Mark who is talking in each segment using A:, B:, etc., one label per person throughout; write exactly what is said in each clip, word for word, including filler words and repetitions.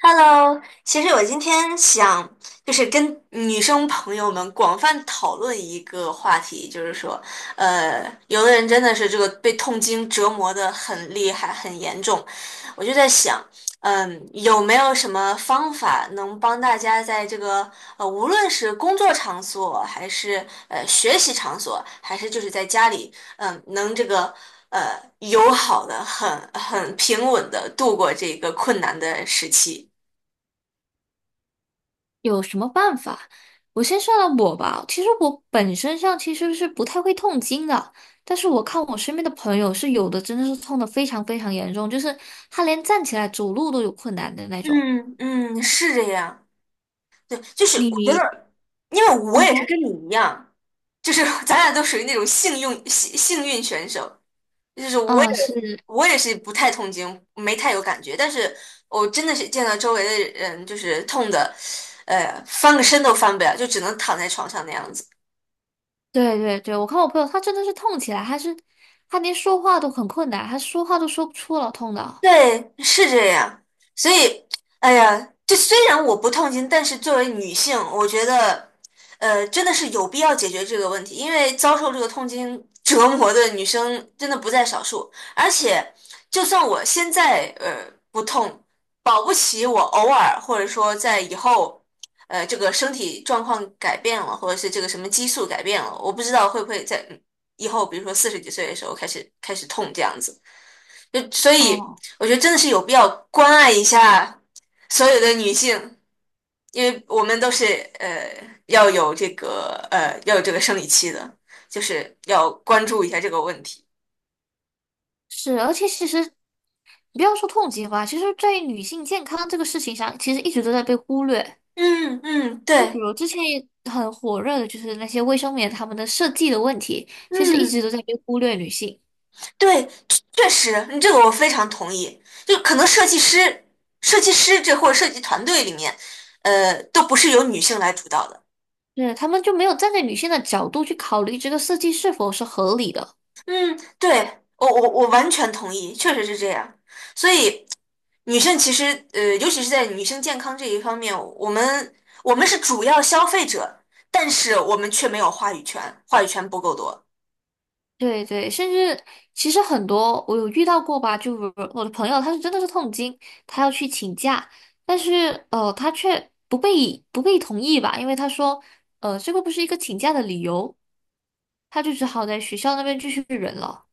A: Hello,其实我今天想就是跟女生朋友们广泛讨论一个话题，就是说，呃，有的人真的是这个被痛经折磨的很厉害、很严重，我就在想，嗯，有没有什么方法能帮大家在这个呃，无论是工作场所，还是呃学习场所，还是就是在家里，嗯，能这个。呃，友好的，很很平稳的度过这个困难的时期。
B: 有什么办法？我先说了我吧，其实我本身上其实是不太会痛经的，但是我看我身边的朋友是有的真的是痛的非常非常严重，就是他连站起来走路都有困难的那种。
A: 嗯嗯，是这样。对，就是我觉
B: 你，
A: 得，因为我
B: 嗯
A: 也是
B: 哼，
A: 跟你一样，就是 咱俩都属于那种幸运幸幸运选手，就是我也
B: 啊，是，
A: 我也是不太痛经，没太有感觉，但是我真的是见到周围的人就是痛的，呃，翻个身都翻不了，就只能躺在床上那样子。
B: 对对对，我看我朋友他真的是痛起来，他是他连说话都很困难，他说话都说不出了，痛的。
A: 对，是这样。所以，哎呀，就虽然我不痛经，但是作为女性，我觉得，呃，真的是有必要解决这个问题，因为遭受这个痛经折磨的女生真的不在少数。而且，就算我现在呃不痛，保不齐我偶尔或者说在以后，呃，这个身体状况改变了，或者是这个什么激素改变了，我不知道会不会在以后，比如说四十几岁的时候开始开始痛这样子。就所以
B: 哦，
A: 我觉得真的是有必要关爱一下所有的女性，因为我们都是呃要有这个呃要有这个生理期的，就是要关注一下这个问题。
B: 是，而且其实你不要说痛经吧，其实在于女性健康这个事情上，其实一直都在被忽略。
A: 嗯嗯，
B: 就比
A: 对，
B: 如之前也很火热的，就是那些卫生棉他们的设计的问题，其实一直
A: 嗯
B: 都在被忽略女性，
A: 对，确实，你这个我非常同意。就可能设计师、设计师这或者设计团队里面，呃，都不是由女性来主导的。
B: 对，他们就没有站在女性的角度去考虑这个设计是否是合理的。
A: 嗯，对，我我我完全同意，确实是这样。所以，女生其实呃，尤其是在女生健康这一方面，我们我们是主要消费者，但是我们却没有话语权，话语权不够多，
B: 对对，甚至其实很多我有遇到过吧，就比如我的朋友，他是真的是痛经，他要去请假，但是呃，他却不被不被同意吧，因为他说呃，这个不是一个请假的理由，他就只好在学校那边继续忍了。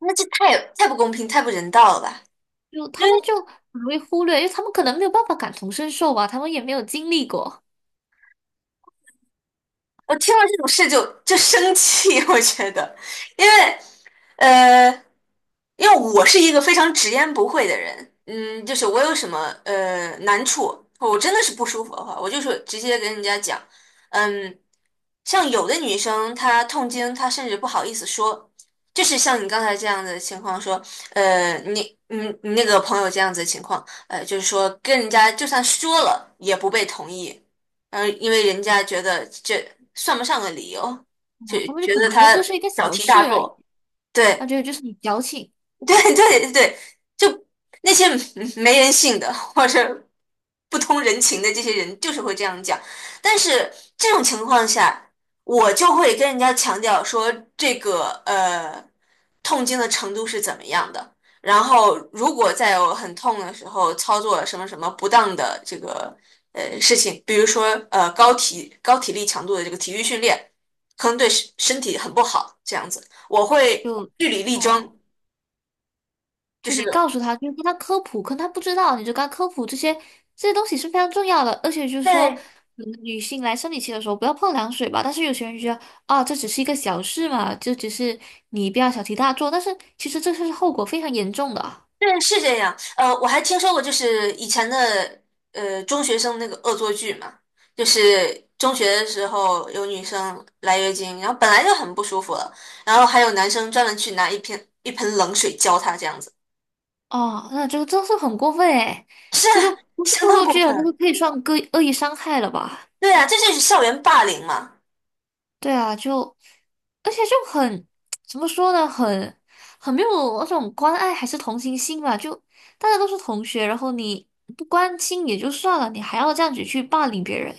A: 那这太太不公平，太不人道了吧？
B: 就他们就很容易忽略，因为他们可能没有办法感同身受吧，他们也没有经历过，
A: 我听了这种事就就生气，我觉得，因为呃，因为我是一个非常直言不讳的人，嗯，就是我有什么呃难处，我真的是不舒服的话，我就是直接跟人家讲，嗯。像有的女生她痛经，她甚至不好意思说，就是像你刚才这样的情况说，呃，你你你那个朋友这样子的情况，呃，就是说跟人家就算说了也不被同意，嗯、因为人家觉得这算不上个理由，就
B: 哦，他们就
A: 觉
B: 可
A: 得
B: 能觉得
A: 他
B: 这是一个
A: 小
B: 小
A: 题大
B: 事而已，
A: 做，
B: 他
A: 对。
B: 觉得就是你矫情，
A: 对对对，就那些没人性的或者不通人情的这些人，就是会这样讲。但是这种情况下，我就会跟人家强调说，这个呃痛经的程度是怎么样的。然后，如果在有很痛的时候操作了什么什么不当的这个呃事情，比如说呃高体高体力强度的这个体育训练，可能对身身体很不好，这样子，我会
B: 就，
A: 据理力争。
B: 哦、
A: 就
B: 就
A: 是。
B: 你告诉他，就跟他科普，可能他不知道，你就跟他科普这些这些东西是非常重要的，而且就是说，
A: 对
B: 嗯女性来生理期的时候不要碰凉水吧，但是有些人觉得，啊，这只是一个小事嘛，就只是你不要小题大做，但是其实这是后果非常严重的。
A: 对，是这样。呃，我还听说过，就是以前的呃中学生那个恶作剧嘛，就是中学的时候有女生来月经，然后本来就很不舒服了，然后还有男生专门去拿一瓶一盆冷水浇她，这样子，
B: 哦，那这个真是很过分哎！
A: 是
B: 这
A: 啊
B: 个不是
A: 相
B: 恶
A: 当
B: 作
A: 过
B: 剧啊，这个
A: 分。
B: 可以算恶意恶意伤害了吧？
A: 对啊，这就是校园霸凌嘛。
B: 对啊，就而且就很 怎么说呢，很很没有那种关爱还是同情心吧？就大家都是同学，然后你不关心也就算了，你还要这样子去霸凌别人，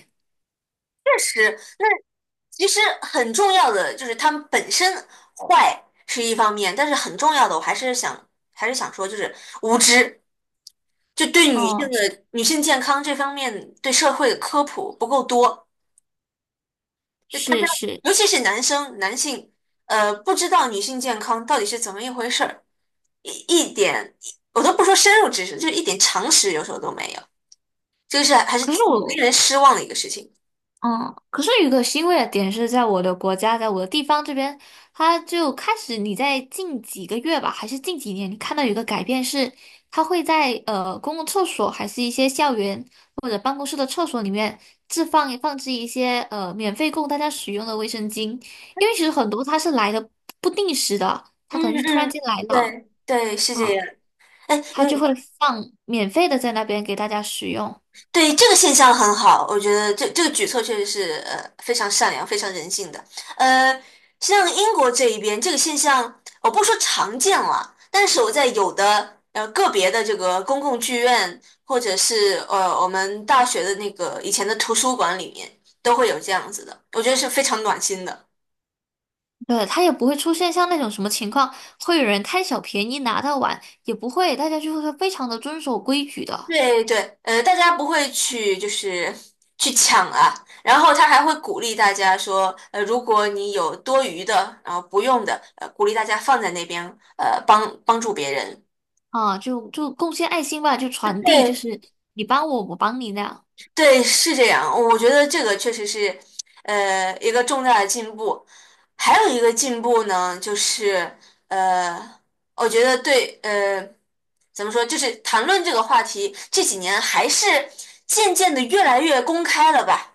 A: 确实，那其实很重要的就是他们本身坏是一方面，但是很重要的我还是想还是想说，就是无知。就对女性
B: 嗯，
A: 的女性健康这方面对社会的科普不够多，就大家
B: 是是是，
A: 尤其是男生男性，呃，不知道女性健康到底是怎么一回事儿，一一点我都不说深入知识，就是一点常识有时候都没有，这个是还是
B: 可是
A: 挺令
B: 我。
A: 人失望的一个事情。
B: 嗯，可是有个欣慰的点是在我的国家，在我的地方这边，它就开始你在近几个月吧，还是近几年，你看到有一个改变是，它会在呃公共厕所，还是一些校园或者办公室的厕所里面置放放置一些呃免费供大家使用的卫生巾，因为其实很多它是来的不定时的，它
A: 嗯
B: 可能就突然
A: 嗯，
B: 间来了，
A: 对对，是这
B: 啊、
A: 样。哎，
B: 它就
A: 嗯。
B: 会放免费的在那边给大家使用。
A: 对，这个现象很好，我觉得这这个举措确实是呃非常善良、非常人性的。呃，像英国这一边这个现象，我不说常见了，但是我在有的呃个别的这个公共剧院，或者是呃我们大学的那个以前的图书馆里面，都会有这样子的，我觉得是非常暖心的。
B: 对，他也不会出现像那种什么情况，会有人贪小便宜拿到碗，也不会，大家就会非常的遵守规矩的
A: 对对，呃，大家不会去就是去抢啊，然后他还会鼓励大家说，呃，如果你有多余的，然后不用的，呃，鼓励大家放在那边，呃，帮帮助别人。
B: 啊，就就贡献爱心吧，就传递，就
A: 对
B: 是你帮我，我帮你那样，
A: 对，是这样，我觉得这个确实是，呃，一个重大的进步。还有一个进步呢，就是呃，我觉得对，呃，怎么说，就是谈论这个话题这几年还是渐渐的越来越公开了吧。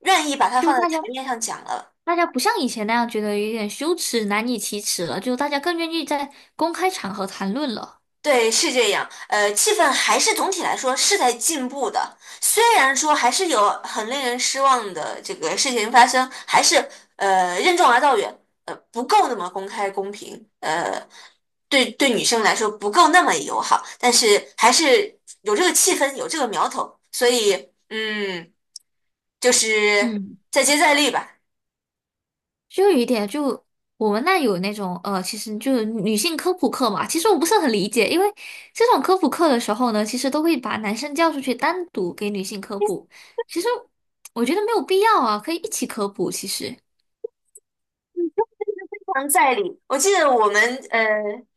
A: 愿意把它
B: 就
A: 放在
B: 大
A: 台
B: 家
A: 面上讲了。
B: 大家不像以前那样觉得有点羞耻、难以启齿了，就大家更愿意在公开场合谈论了。
A: 对，是这样。呃，气氛还是总体来说是在进步的，虽然说还是有很令人失望的这个事情发生，还是呃任重而道远，呃不够那么公开公平，呃对对女生来说不够那么友好，但是还是有这个气氛，有这个苗头，所以嗯，就是
B: 嗯。
A: 再接再厉吧。
B: 就有一点，就我们那有那种呃，其实就是女性科普课嘛。其实我不是很理解，因为这种科普课的时候呢，其实都会把男生叫出去单独给女性科普。其实我觉得没有必要啊，可以一起科普。其实，
A: 常在理。我记得我们呃，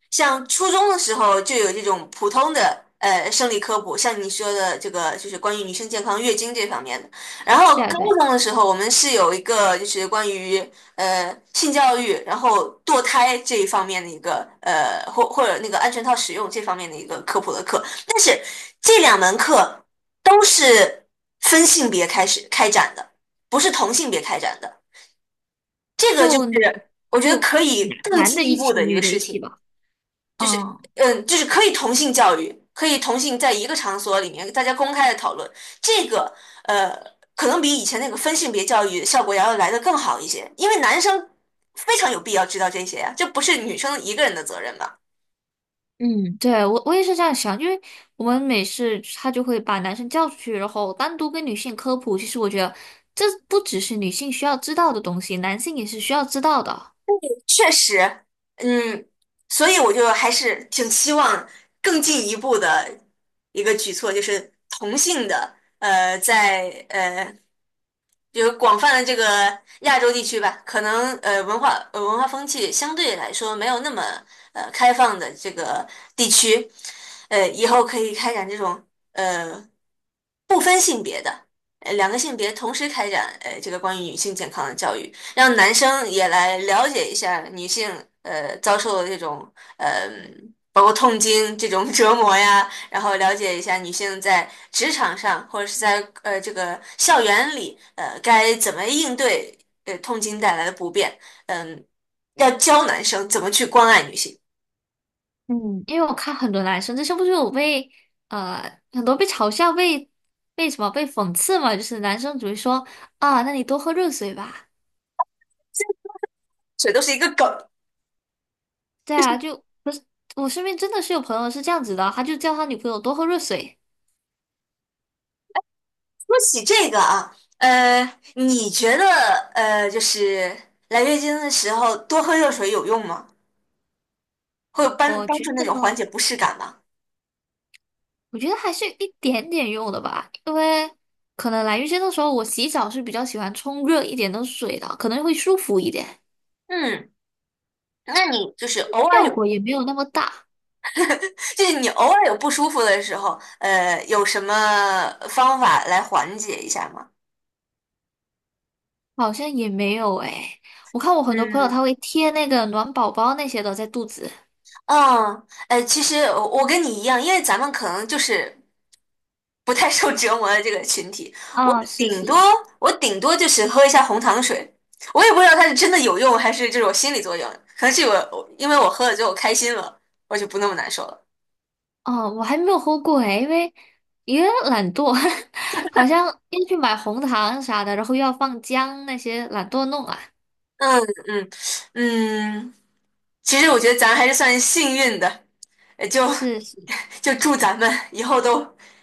A: 像初中的时候就有这种普通的呃生理科普，像你说的这个就是关于女性健康、月经这方面的。然后
B: 对啊
A: 高
B: 对，
A: 中的时候，我们是有一个就是关于呃性教育，然后堕胎这一方面的一个呃或或者那个安全套使用这方面的一个科普的课。但是这两门课都是分性别开始开展的，不是同性别开展的。这个就
B: 就男
A: 是我觉得
B: 就
A: 可以
B: 男
A: 更
B: 男
A: 进
B: 的
A: 一
B: 一
A: 步
B: 起，
A: 的一个
B: 女的一
A: 事
B: 起
A: 情，
B: 吧。
A: 就是
B: 嗯
A: 嗯，就是可以同性教育，可以同性在一个场所里面大家公开的讨论，这个呃，可能比以前那个分性别教育效果要来的更好一些，因为男生非常有必要知道这些呀，这不是女生一个人的责任吧？
B: 嗯，对，我我也是这样想，因为我们每次他就会把男生叫出去，然后单独跟女性科普。其实我觉得这不只是女性需要知道的东西，男性也是需要知道的。
A: 确实，嗯，所以我就还是挺期望更进一步的一个举措，就是同性的，呃，在呃，就是广泛的这个亚洲地区吧，可能呃文化呃文化风气相对来说没有那么呃开放的这个地区，呃，以后可以开展这种呃不分性别的，呃两个性别同时开展呃这个关于女性健康的教育。让男生也来了解一下女性呃遭受的这种呃包括痛经这种 折磨呀，然后了解一下女性在职场上或者是在呃这个校园里呃该怎么应对呃痛经带来的不便，嗯、要教男生怎么去关爱女性，
B: 嗯，因为我看很多男生，这是不是有被呃很多被嘲笑、被被什么被讽刺嘛？就是男生只会说啊，那你多喝热水吧。
A: 这都是一个梗。
B: 对啊，就不是我身边真的是有朋友是这样子的，他就叫他女朋友多喝热水。
A: 说起这个啊，呃，你觉得呃就是来月经的时候多喝热水有用吗？会有帮
B: 我
A: 帮
B: 觉
A: 助那
B: 得，
A: 种缓解不适感吗？
B: 我觉得还是有一点点用的吧，因为可能来月经的时候，我洗澡是比较喜欢冲热一点的水的，可能会舒服一点，
A: 嗯，那你就是偶尔
B: 效
A: 有，
B: 果也没有那么大。
A: 就是你偶尔有不舒服的时候，呃，有什么方法来缓解一下吗？
B: 好像也没有诶，我看我很多朋友
A: 嗯
B: 他会贴那个暖宝宝那些的在肚子。
A: 嗯，呃，其实我我跟你一样，因为咱们可能就是不太受折磨的这个群体，我
B: 啊，是
A: 顶多
B: 是，
A: 我顶多就是喝一下红糖水，我也不知道它是真的有用还是这种心理作用，可能是我因为我喝了之后开心了，我就不那么难受了。
B: 哦，我还没有喝过诶，因为也懒惰，好像要去买红糖啥的，然后又要放姜那些，懒惰弄啊。
A: 嗯嗯嗯，其实我觉得咱还是算幸运的，呃就
B: 是是，
A: 就祝咱们以后都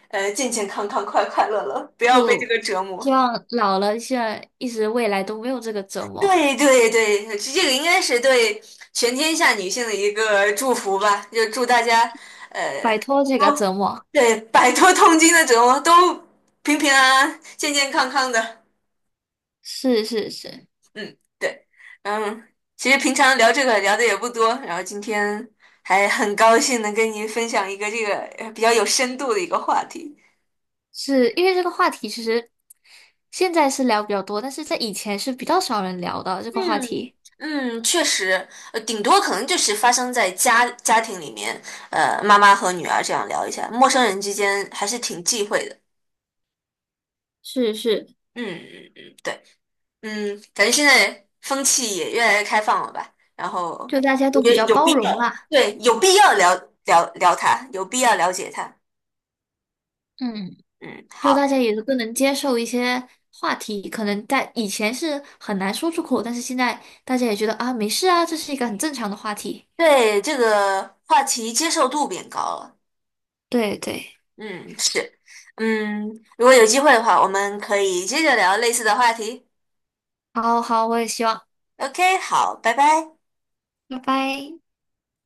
A: 呃健健康康、快快乐乐，不要被这
B: 就
A: 个折磨。
B: 希望老了现在一直未来都没有这个折磨，
A: 对对对，这这个应该是对全天下女性的一个祝福吧，就祝大家
B: 摆
A: 呃
B: 脱这个
A: 都
B: 折磨。
A: 对摆脱痛经的折磨，都平平安安、健健康康的。
B: 是是是，
A: 嗯，对，嗯，其实平常聊这个聊的也不多，然后今天还很高兴能跟您分享一个这个呃比较有深度的一个话题。
B: 是因为这个话题其实现在是聊比较多，但是在以前是比较少人聊的这个话
A: 嗯
B: 题。
A: 嗯，确实，呃，顶多可能就是发生在家家庭里面，呃，妈妈和女儿这样聊一下，陌生人之间还是挺忌讳的。
B: 是是，
A: 嗯嗯嗯，对，嗯，感觉现在风气也越来越开放了吧？然后
B: 就大家
A: 我
B: 都
A: 觉
B: 比
A: 得
B: 较
A: 有
B: 包
A: 必
B: 容
A: 要，
B: 啦，
A: 对，有必要了了聊它，有必要了解它。
B: 嗯，
A: 嗯，
B: 就大
A: 好，
B: 家也都更能接受一些话题，可能在以前是很难说出口，但是现在大家也觉得啊，没事啊，这是一个很正常的话题。
A: 对这个话题接受度变高了。
B: 对对，
A: 嗯，是，嗯，如果有机会的话，我们可以接着聊类似的话题。
B: 好好，我也希望，
A: OK,好，拜拜。
B: 拜拜。